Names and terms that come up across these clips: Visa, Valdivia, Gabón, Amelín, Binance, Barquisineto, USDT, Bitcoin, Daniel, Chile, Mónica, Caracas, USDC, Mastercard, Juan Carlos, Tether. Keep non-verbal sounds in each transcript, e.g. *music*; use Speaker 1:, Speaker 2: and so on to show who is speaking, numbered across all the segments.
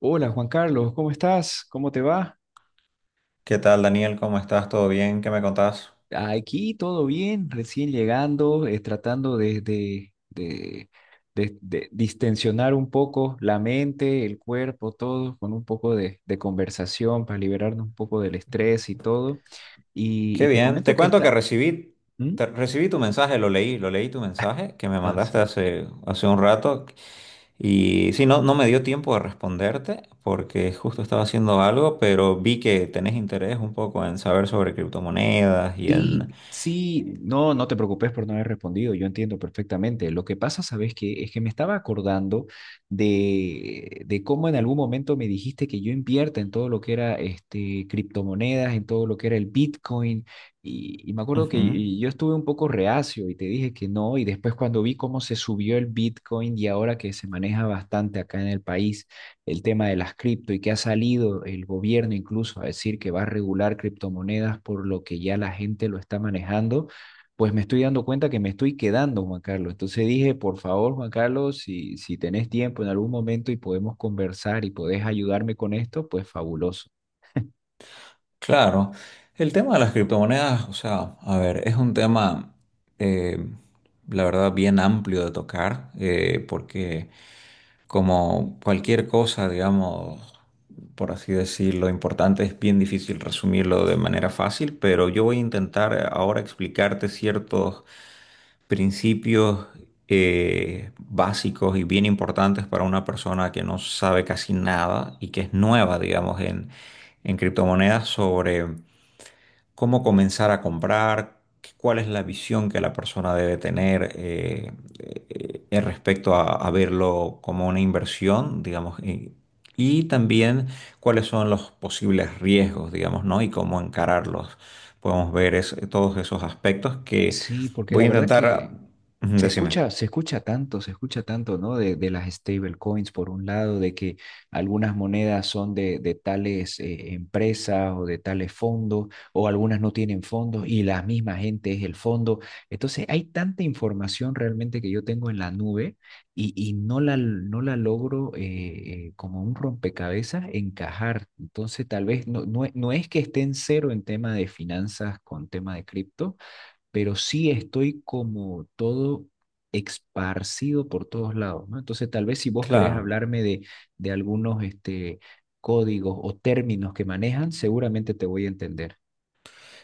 Speaker 1: Hola Juan Carlos, ¿cómo estás? ¿Cómo te va?
Speaker 2: ¿Qué tal, Daniel? ¿Cómo estás? ¿Todo bien? ¿Qué me contás?
Speaker 1: Aquí todo bien, recién llegando, tratando de distensionar un poco la mente, el cuerpo, todo, con un poco de conversación para liberarnos un poco del estrés y todo. Y,
Speaker 2: Qué
Speaker 1: y te
Speaker 2: bien. Te
Speaker 1: comento que
Speaker 2: cuento que
Speaker 1: está.
Speaker 2: recibí,
Speaker 1: ¿Mm?
Speaker 2: recibí tu mensaje, lo leí tu mensaje que me
Speaker 1: Ah,
Speaker 2: mandaste
Speaker 1: sí.
Speaker 2: hace un rato. Y sí, no, no me dio tiempo de responderte porque justo estaba haciendo algo, pero vi que tenés interés un poco en saber sobre criptomonedas y
Speaker 1: Sí,
Speaker 2: en...
Speaker 1: sí, no, no te preocupes por no haber respondido, yo entiendo perfectamente. Lo que pasa, ¿sabes qué? Es que me estaba acordando de cómo en algún momento me dijiste que yo invierta en todo lo que era este, criptomonedas, en todo lo que era el Bitcoin, y me acuerdo que
Speaker 2: Ujú.
Speaker 1: yo estuve un poco reacio y te dije que no, y después cuando vi cómo se subió el Bitcoin y ahora que se maneja bastante acá en el país el tema de las cripto y que ha salido el gobierno incluso a decir que va a regular criptomonedas por lo que ya la gente lo está manejando, pues me estoy dando cuenta que me estoy quedando, Juan Carlos. Entonces dije, por favor, Juan Carlos, si tenés tiempo en algún momento y podemos conversar y podés ayudarme con esto, pues fabuloso.
Speaker 2: Claro, el tema de las criptomonedas, o sea, a ver, es un tema, eh, la verdad, bien amplio de tocar, porque... Como cualquier cosa, digamos, por así decirlo, importante, es bien difícil resumirlo de manera fácil, pero yo voy a intentar ahora explicarte ciertos principios, básicos y bien importantes para una persona que no sabe casi nada y que es nueva, digamos, en criptomonedas, sobre cómo comenzar a comprar, cuál es la visión que la persona debe tener, respecto a verlo como una inversión, digamos, y también cuáles son los posibles riesgos, digamos, ¿no? Y cómo encararlos. Podemos ver todos esos aspectos que
Speaker 1: Sí, porque
Speaker 2: voy
Speaker 1: la
Speaker 2: a
Speaker 1: verdad
Speaker 2: intentar,
Speaker 1: que
Speaker 2: ujú,
Speaker 1: se
Speaker 2: decime.
Speaker 1: escucha, se escucha tanto, ¿no? De las stablecoins, por un lado, de que algunas monedas son de tales empresas o de tales fondos, o algunas no tienen fondos y la misma gente es el fondo. Entonces, hay tanta información realmente que yo tengo en la nube y no la logro como un rompecabezas encajar. Entonces, tal vez no, no, no es que esté en cero en tema de finanzas con tema de cripto pero sí estoy como todo esparcido por todos lados, ¿no? Entonces, tal vez si vos querés
Speaker 2: Claro.
Speaker 1: hablarme de algunos este, códigos o términos que manejan, seguramente te voy a entender.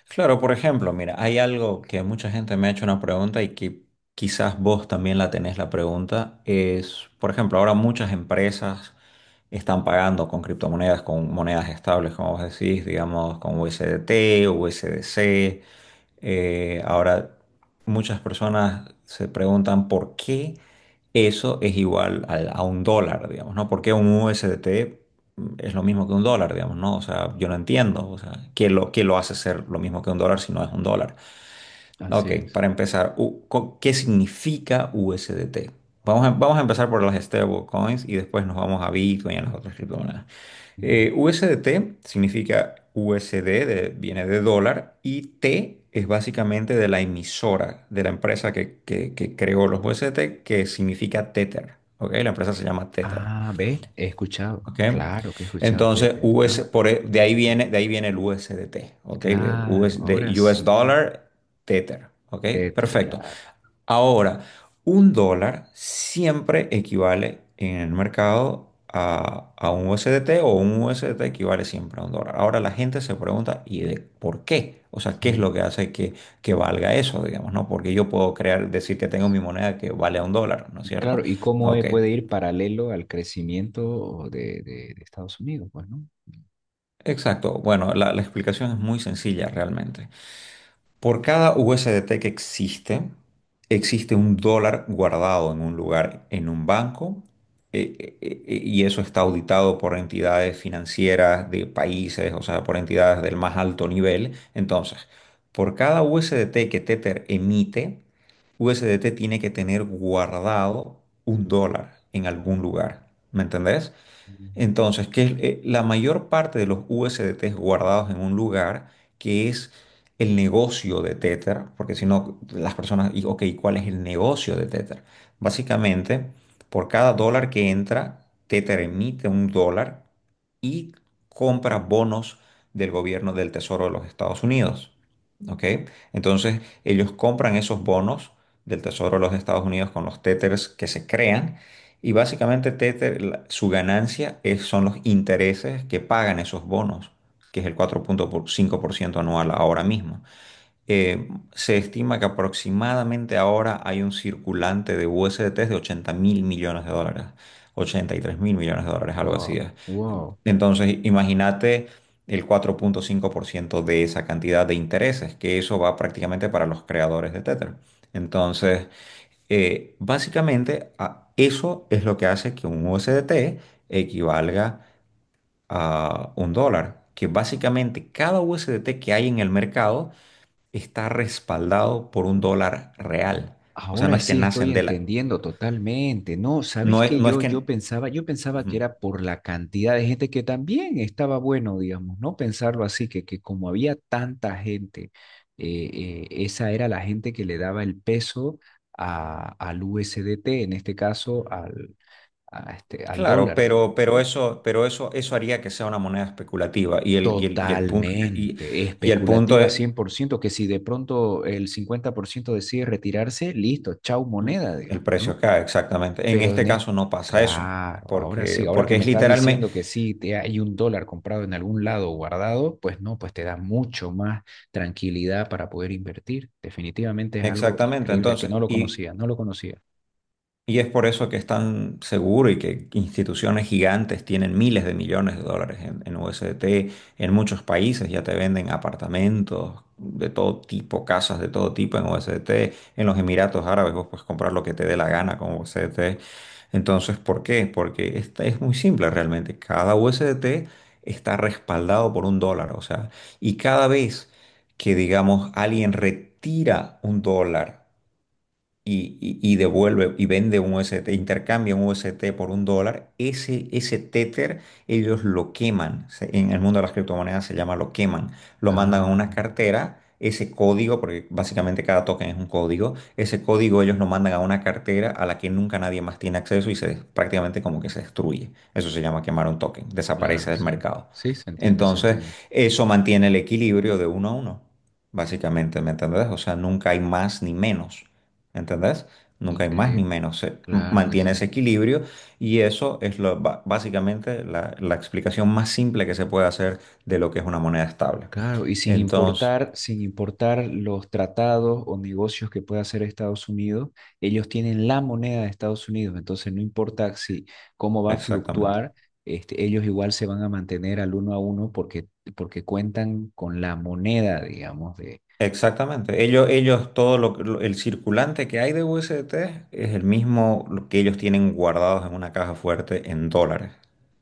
Speaker 2: Claro, por ejemplo, mira, hay algo que mucha gente me ha hecho una pregunta y que quizás vos también la tenés la pregunta, es, por ejemplo, ahora muchas empresas están pagando con criptomonedas, con monedas estables, como vos decís, digamos, con USDT, USDC. Ahora, muchas personas se preguntan por qué eso es igual a un dólar, digamos, ¿no? ¿Por qué un USDT es lo mismo que un dólar, digamos? ¿No? O sea, yo no entiendo, o sea, ¿qué lo hace ser lo mismo que un dólar si no es un dólar?
Speaker 1: Así
Speaker 2: Ok,
Speaker 1: es.
Speaker 2: para empezar, ¿qué significa USDT? Vamos a empezar por las stablecoins y después nos vamos a Bitcoin y a las otras criptomonedas.
Speaker 1: Ujú.
Speaker 2: USDT significa USD, viene de dólar, y T es básicamente de la emisora, de la empresa que creó los USDT, que significa Tether. ¿Ok? La empresa se llama Tether.
Speaker 1: Ah, ¿ves? He escuchado.
Speaker 2: ¿Ok?
Speaker 1: Claro que he escuchado
Speaker 2: Entonces,
Speaker 1: Tether.
Speaker 2: US,
Speaker 1: Ah,
Speaker 2: por,
Speaker 1: ujú.
Speaker 2: de ahí viene el USDT, ¿ok? De
Speaker 1: Claro,
Speaker 2: US, de
Speaker 1: ahora
Speaker 2: US
Speaker 1: sí.
Speaker 2: Dollar Tether, ¿ok?
Speaker 1: Tether,
Speaker 2: Perfecto.
Speaker 1: claro.
Speaker 2: Ahora, un dólar siempre equivale en el mercado a un USDT, o un USDT equivale siempre a un dólar. Ahora la gente se pregunta, ¿y de por qué? O sea, ¿qué es
Speaker 1: Ujú.
Speaker 2: lo que hace que valga eso, digamos? ¿No? Porque yo puedo crear, decir que tengo mi moneda que vale a un dólar, ¿no es cierto?
Speaker 1: Claro, ¿y cómo
Speaker 2: Ok.
Speaker 1: puede ir paralelo al crecimiento de Estados Unidos? Pues, ¿no?
Speaker 2: Exacto. Bueno, la explicación es muy sencilla realmente. Por cada USDT que existe, existe un dólar guardado en un lugar, en un banco, y eso está auditado por entidades financieras de países, o sea, por entidades del más alto nivel. Entonces, por cada USDT que Tether emite, USDT tiene que tener guardado un dólar en algún lugar. ¿Me entendés?
Speaker 1: Ujú.
Speaker 2: Entonces, que es, la mayor parte de los USDTs guardados en un lugar, que es el negocio de Tether. Porque si no, las personas, y, ok, ¿cuál es el negocio de Tether? Básicamente, por cada dólar que entra, Tether emite un dólar y compra bonos del gobierno, del Tesoro de los Estados Unidos. ¿Ok? Entonces, ellos compran esos bonos del Tesoro de los Estados Unidos con los Tethers que se crean, y básicamente Tether, su ganancia es, son los intereses que pagan esos bonos, que es el 4,5% anual ahora mismo. Se estima que aproximadamente ahora hay un circulante de USDT de 80.000 millones de dólares, 83.000 millones de dólares, algo así
Speaker 1: Wow,
Speaker 2: es.
Speaker 1: wow.
Speaker 2: Entonces, imagínate el 4,5% de esa cantidad de intereses, que eso va prácticamente para los creadores de Tether. Entonces, básicamente, eso es lo que hace que un USDT equivalga a un dólar, que básicamente cada USDT que hay en el mercado está respaldado por un dólar real. O sea, no
Speaker 1: Ahora
Speaker 2: es que
Speaker 1: sí estoy
Speaker 2: nacen de la...
Speaker 1: entendiendo totalmente. No, ¿sabes
Speaker 2: No es,
Speaker 1: que
Speaker 2: no es
Speaker 1: Yo,
Speaker 2: que...
Speaker 1: yo pensaba, yo pensaba que
Speaker 2: Ujú.
Speaker 1: era por la cantidad de gente que también estaba bueno, digamos, ¿no? Pensarlo así, que como había tanta gente, esa era la gente que le daba el peso al USDT en este caso al
Speaker 2: Claro,
Speaker 1: dólar,
Speaker 2: pero,
Speaker 1: digamos,
Speaker 2: pero
Speaker 1: ¿no?
Speaker 2: eso, pero eso, eso haría que sea una moneda especulativa. Y el, y el,
Speaker 1: Totalmente,
Speaker 2: y el punto
Speaker 1: especulativa
Speaker 2: es,
Speaker 1: 100% que si de pronto el 50% decide retirarse, listo, chau moneda,
Speaker 2: el
Speaker 1: digamos, ¿no?
Speaker 2: precio cae, exactamente. En
Speaker 1: Pero en
Speaker 2: este
Speaker 1: es-
Speaker 2: caso no pasa eso,
Speaker 1: claro, ahora sí,
Speaker 2: porque,
Speaker 1: ahora que
Speaker 2: porque
Speaker 1: me
Speaker 2: es
Speaker 1: estás
Speaker 2: literalmente,
Speaker 1: diciendo que sí, te hay un dólar comprado en algún lado guardado, pues no, pues te da mucho más tranquilidad para poder invertir. Definitivamente es algo
Speaker 2: exactamente.
Speaker 1: increíble que
Speaker 2: Entonces,
Speaker 1: no lo
Speaker 2: y,
Speaker 1: conocía, no lo conocía.
Speaker 2: y es por eso que es tan seguro y que instituciones gigantes tienen miles de millones de dólares en, USDT, en muchos países ya te venden apartamentos de todo tipo, casas de todo tipo en USDT, en los Emiratos Árabes vos puedes comprar lo que te dé la gana con USDT. Entonces, ¿por qué? Porque esta es muy simple realmente: cada USDT está respaldado por un dólar, o sea, y cada vez que, digamos, alguien retira un dólar, y devuelve y vende un UST, intercambia un UST por un dólar, ese Tether ellos lo queman. En el mundo de las criptomonedas se llama, lo queman. Lo mandan a
Speaker 1: Ah,
Speaker 2: una cartera, ese código, porque básicamente cada token es un código. Ese código ellos lo mandan a una cartera a la que nunca nadie más tiene acceso y se, prácticamente, como que se destruye. Eso se llama quemar un token,
Speaker 1: claro,
Speaker 2: desaparece del
Speaker 1: sí.
Speaker 2: mercado.
Speaker 1: Sí, se entiende, se
Speaker 2: Entonces,
Speaker 1: entiende.
Speaker 2: eso mantiene el equilibrio de uno a uno, básicamente, ¿me entendés? O sea, nunca hay más ni menos. ¿Entendés? Nunca hay más ni
Speaker 1: Increíble.
Speaker 2: menos. Se
Speaker 1: Claro que
Speaker 2: mantiene ese
Speaker 1: sí.
Speaker 2: equilibrio, y eso es básicamente la explicación más simple que se puede hacer de lo que es una moneda estable.
Speaker 1: Claro, y sin
Speaker 2: Entonces,
Speaker 1: importar, sin importar los tratados o negocios que pueda hacer Estados Unidos, ellos tienen la moneda de Estados Unidos, entonces no importa si cómo va a
Speaker 2: exactamente.
Speaker 1: fluctuar, este, ellos igual se van a mantener al uno a uno porque, cuentan con la moneda, digamos, de...
Speaker 2: Exactamente. Ellos, todo el circulante que hay de USDT es el mismo lo que ellos tienen guardados en una caja fuerte en dólares.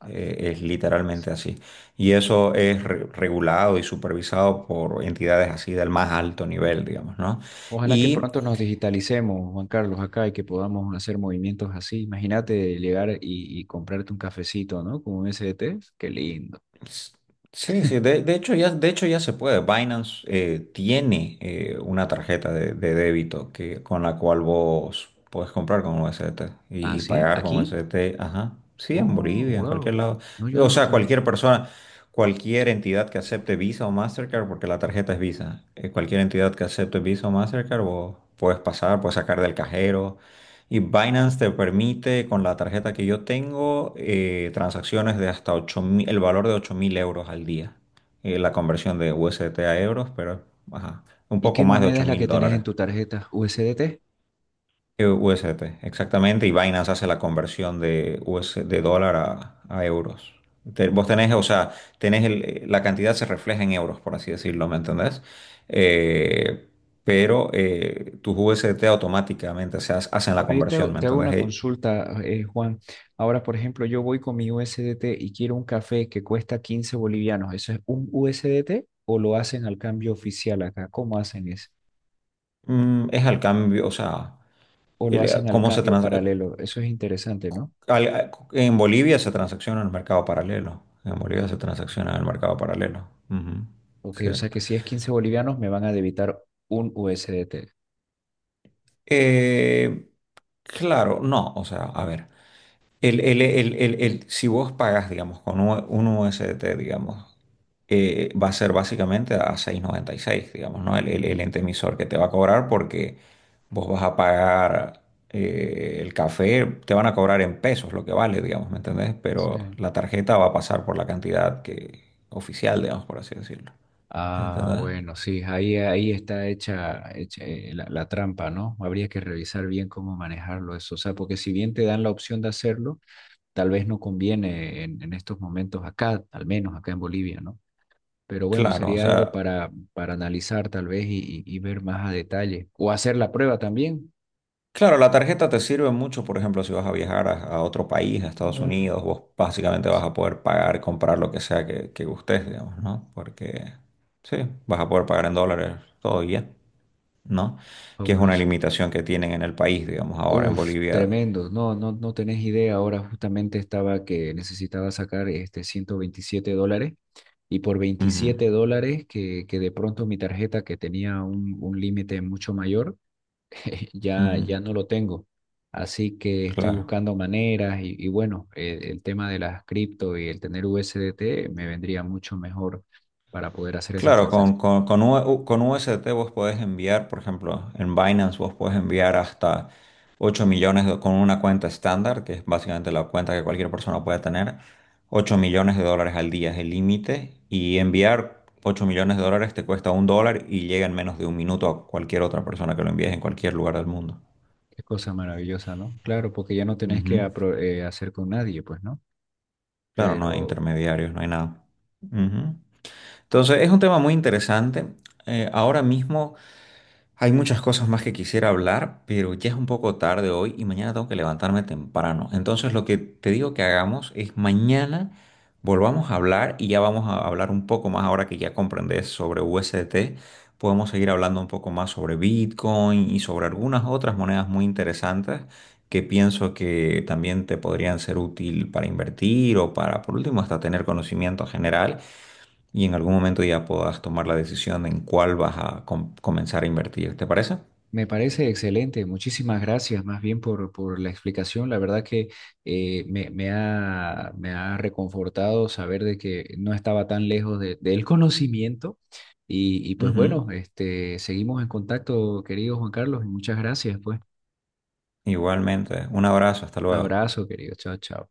Speaker 2: Es literalmente así. Y eso es regulado y supervisado por entidades así del más alto nivel, digamos, ¿no?
Speaker 1: Ojalá que
Speaker 2: Y
Speaker 1: pronto nos digitalicemos, Juan Carlos, acá y que podamos hacer movimientos así. Imagínate llegar y comprarte un cafecito, ¿no? Como un SDT, qué lindo.
Speaker 2: S- Sí, sí, de hecho ya se puede. Binance tiene, una tarjeta de débito, que, con la cual vos puedes comprar con USDT
Speaker 1: ¿Ah,
Speaker 2: y
Speaker 1: sí?
Speaker 2: pagar con
Speaker 1: ¿Aquí?
Speaker 2: USDT. Ajá. Sí, en
Speaker 1: Oh,
Speaker 2: Bolivia, en cualquier
Speaker 1: wow.
Speaker 2: lado.
Speaker 1: No, yo
Speaker 2: O
Speaker 1: no lo
Speaker 2: sea,
Speaker 1: sabía.
Speaker 2: cualquier persona, cualquier entidad que acepte Visa o Mastercard, porque la tarjeta es Visa, cualquier entidad que acepte Visa o Mastercard, vos puedes pasar, puedes sacar del cajero. Y Binance te permite, con la tarjeta que yo tengo, transacciones de hasta 8.000 el valor de 8.000 euros al día. La conversión de USDT a euros, pero ajá, un
Speaker 1: ¿Y
Speaker 2: poco
Speaker 1: qué
Speaker 2: más de
Speaker 1: moneda
Speaker 2: ocho
Speaker 1: es la que
Speaker 2: mil
Speaker 1: tenés
Speaker 2: dólares.
Speaker 1: en tu tarjeta? ¿USDT?
Speaker 2: USDT, exactamente. Y Binance hace la conversión de dólar a euros. Vos tenés, o sea, tenés la cantidad se refleja en euros, por así decirlo, ¿me entendés? Eh, pero tus USDT automáticamente hacen la
Speaker 1: Ahora
Speaker 2: conversión, ¿me
Speaker 1: te hago
Speaker 2: entendés?
Speaker 1: una consulta, Juan. Ahora, por ejemplo, yo voy con mi USDT y quiero un café que cuesta 15 bolivianos. ¿Eso es un USDT o lo hacen al cambio oficial acá? ¿Cómo hacen eso?
Speaker 2: Es al cambio, o sea,
Speaker 1: ¿O lo hacen al
Speaker 2: cómo
Speaker 1: cambio paralelo? Eso es interesante, ¿no?
Speaker 2: en Bolivia se transacciona en el mercado paralelo. En Bolivia se
Speaker 1: Ah, ah,
Speaker 2: transacciona en
Speaker 1: ya.
Speaker 2: el mercado paralelo. Ujú.
Speaker 1: Ok,
Speaker 2: Sí.
Speaker 1: o sea que si es 15 bolivianos me van a debitar un USDT.
Speaker 2: Eh, claro, no, o sea, a ver. Si vos pagas, digamos, con un USDT, digamos, va a ser básicamente a 6,96, digamos, ¿no? El ente emisor que te va a cobrar, porque vos vas a pagar, el café, te van a cobrar en pesos lo que vale, digamos, ¿me entendés?
Speaker 1: Sí.
Speaker 2: Pero la tarjeta va a pasar por la cantidad que, oficial, digamos, por así decirlo.
Speaker 1: Ah,
Speaker 2: ¿Entendés?
Speaker 1: bueno, sí, ahí está hecha, la trampa, ¿no? Habría que revisar bien cómo manejarlo eso. O sea, porque si bien te dan la opción de hacerlo, tal vez no conviene en estos momentos acá, al menos acá en Bolivia, ¿no? Pero bueno,
Speaker 2: Claro, o
Speaker 1: sería algo
Speaker 2: sea,
Speaker 1: para analizar tal vez y ver más a detalle. O hacer la prueba también.
Speaker 2: claro, la tarjeta te sirve mucho, por ejemplo, si vas a viajar a otro país, a Estados, ujú, Unidos, vos básicamente
Speaker 1: Sí,
Speaker 2: vas a poder pagar, comprar lo que sea que gustes, digamos, ¿no? Porque sí, vas a poder pagar en dólares todo y ya, ¿no? Que es una
Speaker 1: fabuloso.
Speaker 2: limitación que tienen en el país, digamos, ahora en
Speaker 1: Uf,
Speaker 2: Bolivia.
Speaker 1: tremendo. No, no, no tenés idea. Ahora justamente estaba que necesitaba sacar este $127 y por
Speaker 2: Ujú,
Speaker 1: $27 que de pronto mi tarjeta que tenía un límite mucho mayor, *laughs* ya,
Speaker 2: ujú,
Speaker 1: ya no lo tengo. Así que estoy
Speaker 2: claro.
Speaker 1: buscando maneras y bueno, el tema de las cripto y el tener USDT me vendría mucho mejor para poder hacer esas
Speaker 2: Claro,
Speaker 1: transacciones.
Speaker 2: con UST vos podés enviar, por ejemplo, en Binance vos podés enviar hasta 8 millones con una cuenta estándar, que es básicamente la cuenta que cualquier persona puede tener. 8 millones de dólares al día es el límite, y enviar 8 millones de dólares te cuesta un dólar y llega en menos de un minuto a cualquier otra persona que lo envíes en cualquier lugar del mundo.
Speaker 1: Qué cosa maravillosa, ¿no? Claro, porque ya no tenés que
Speaker 2: Ujú.
Speaker 1: hacer con nadie, pues, ¿no?
Speaker 2: Claro, no hay
Speaker 1: Pero.
Speaker 2: intermediarios, no hay nada. Ujú. Entonces, es un tema muy interesante. Ahora mismo... Hay muchas cosas más que quisiera hablar, pero ya es un poco tarde hoy y mañana tengo que levantarme temprano. Entonces, lo que te digo que hagamos es, mañana volvamos a hablar y ya vamos a hablar un poco más, ahora que ya comprendes sobre USDT. Podemos seguir hablando un poco más sobre Bitcoin y sobre algunas otras monedas muy interesantes, que pienso que también te podrían ser útil para invertir o para, por último, hasta tener conocimiento general, y en algún momento ya puedas tomar la decisión en cuál vas a comenzar a invertir. ¿Te parece?
Speaker 1: Me parece excelente, muchísimas gracias más bien por la explicación. La verdad que me ha reconfortado saber de que no estaba tan lejos del conocimiento. Y pues
Speaker 2: Ujú.
Speaker 1: bueno, este, seguimos en contacto, querido Juan Carlos, y muchas gracias, pues.
Speaker 2: Igualmente. Un abrazo. Hasta luego.
Speaker 1: Abrazo, querido. Chao, chao.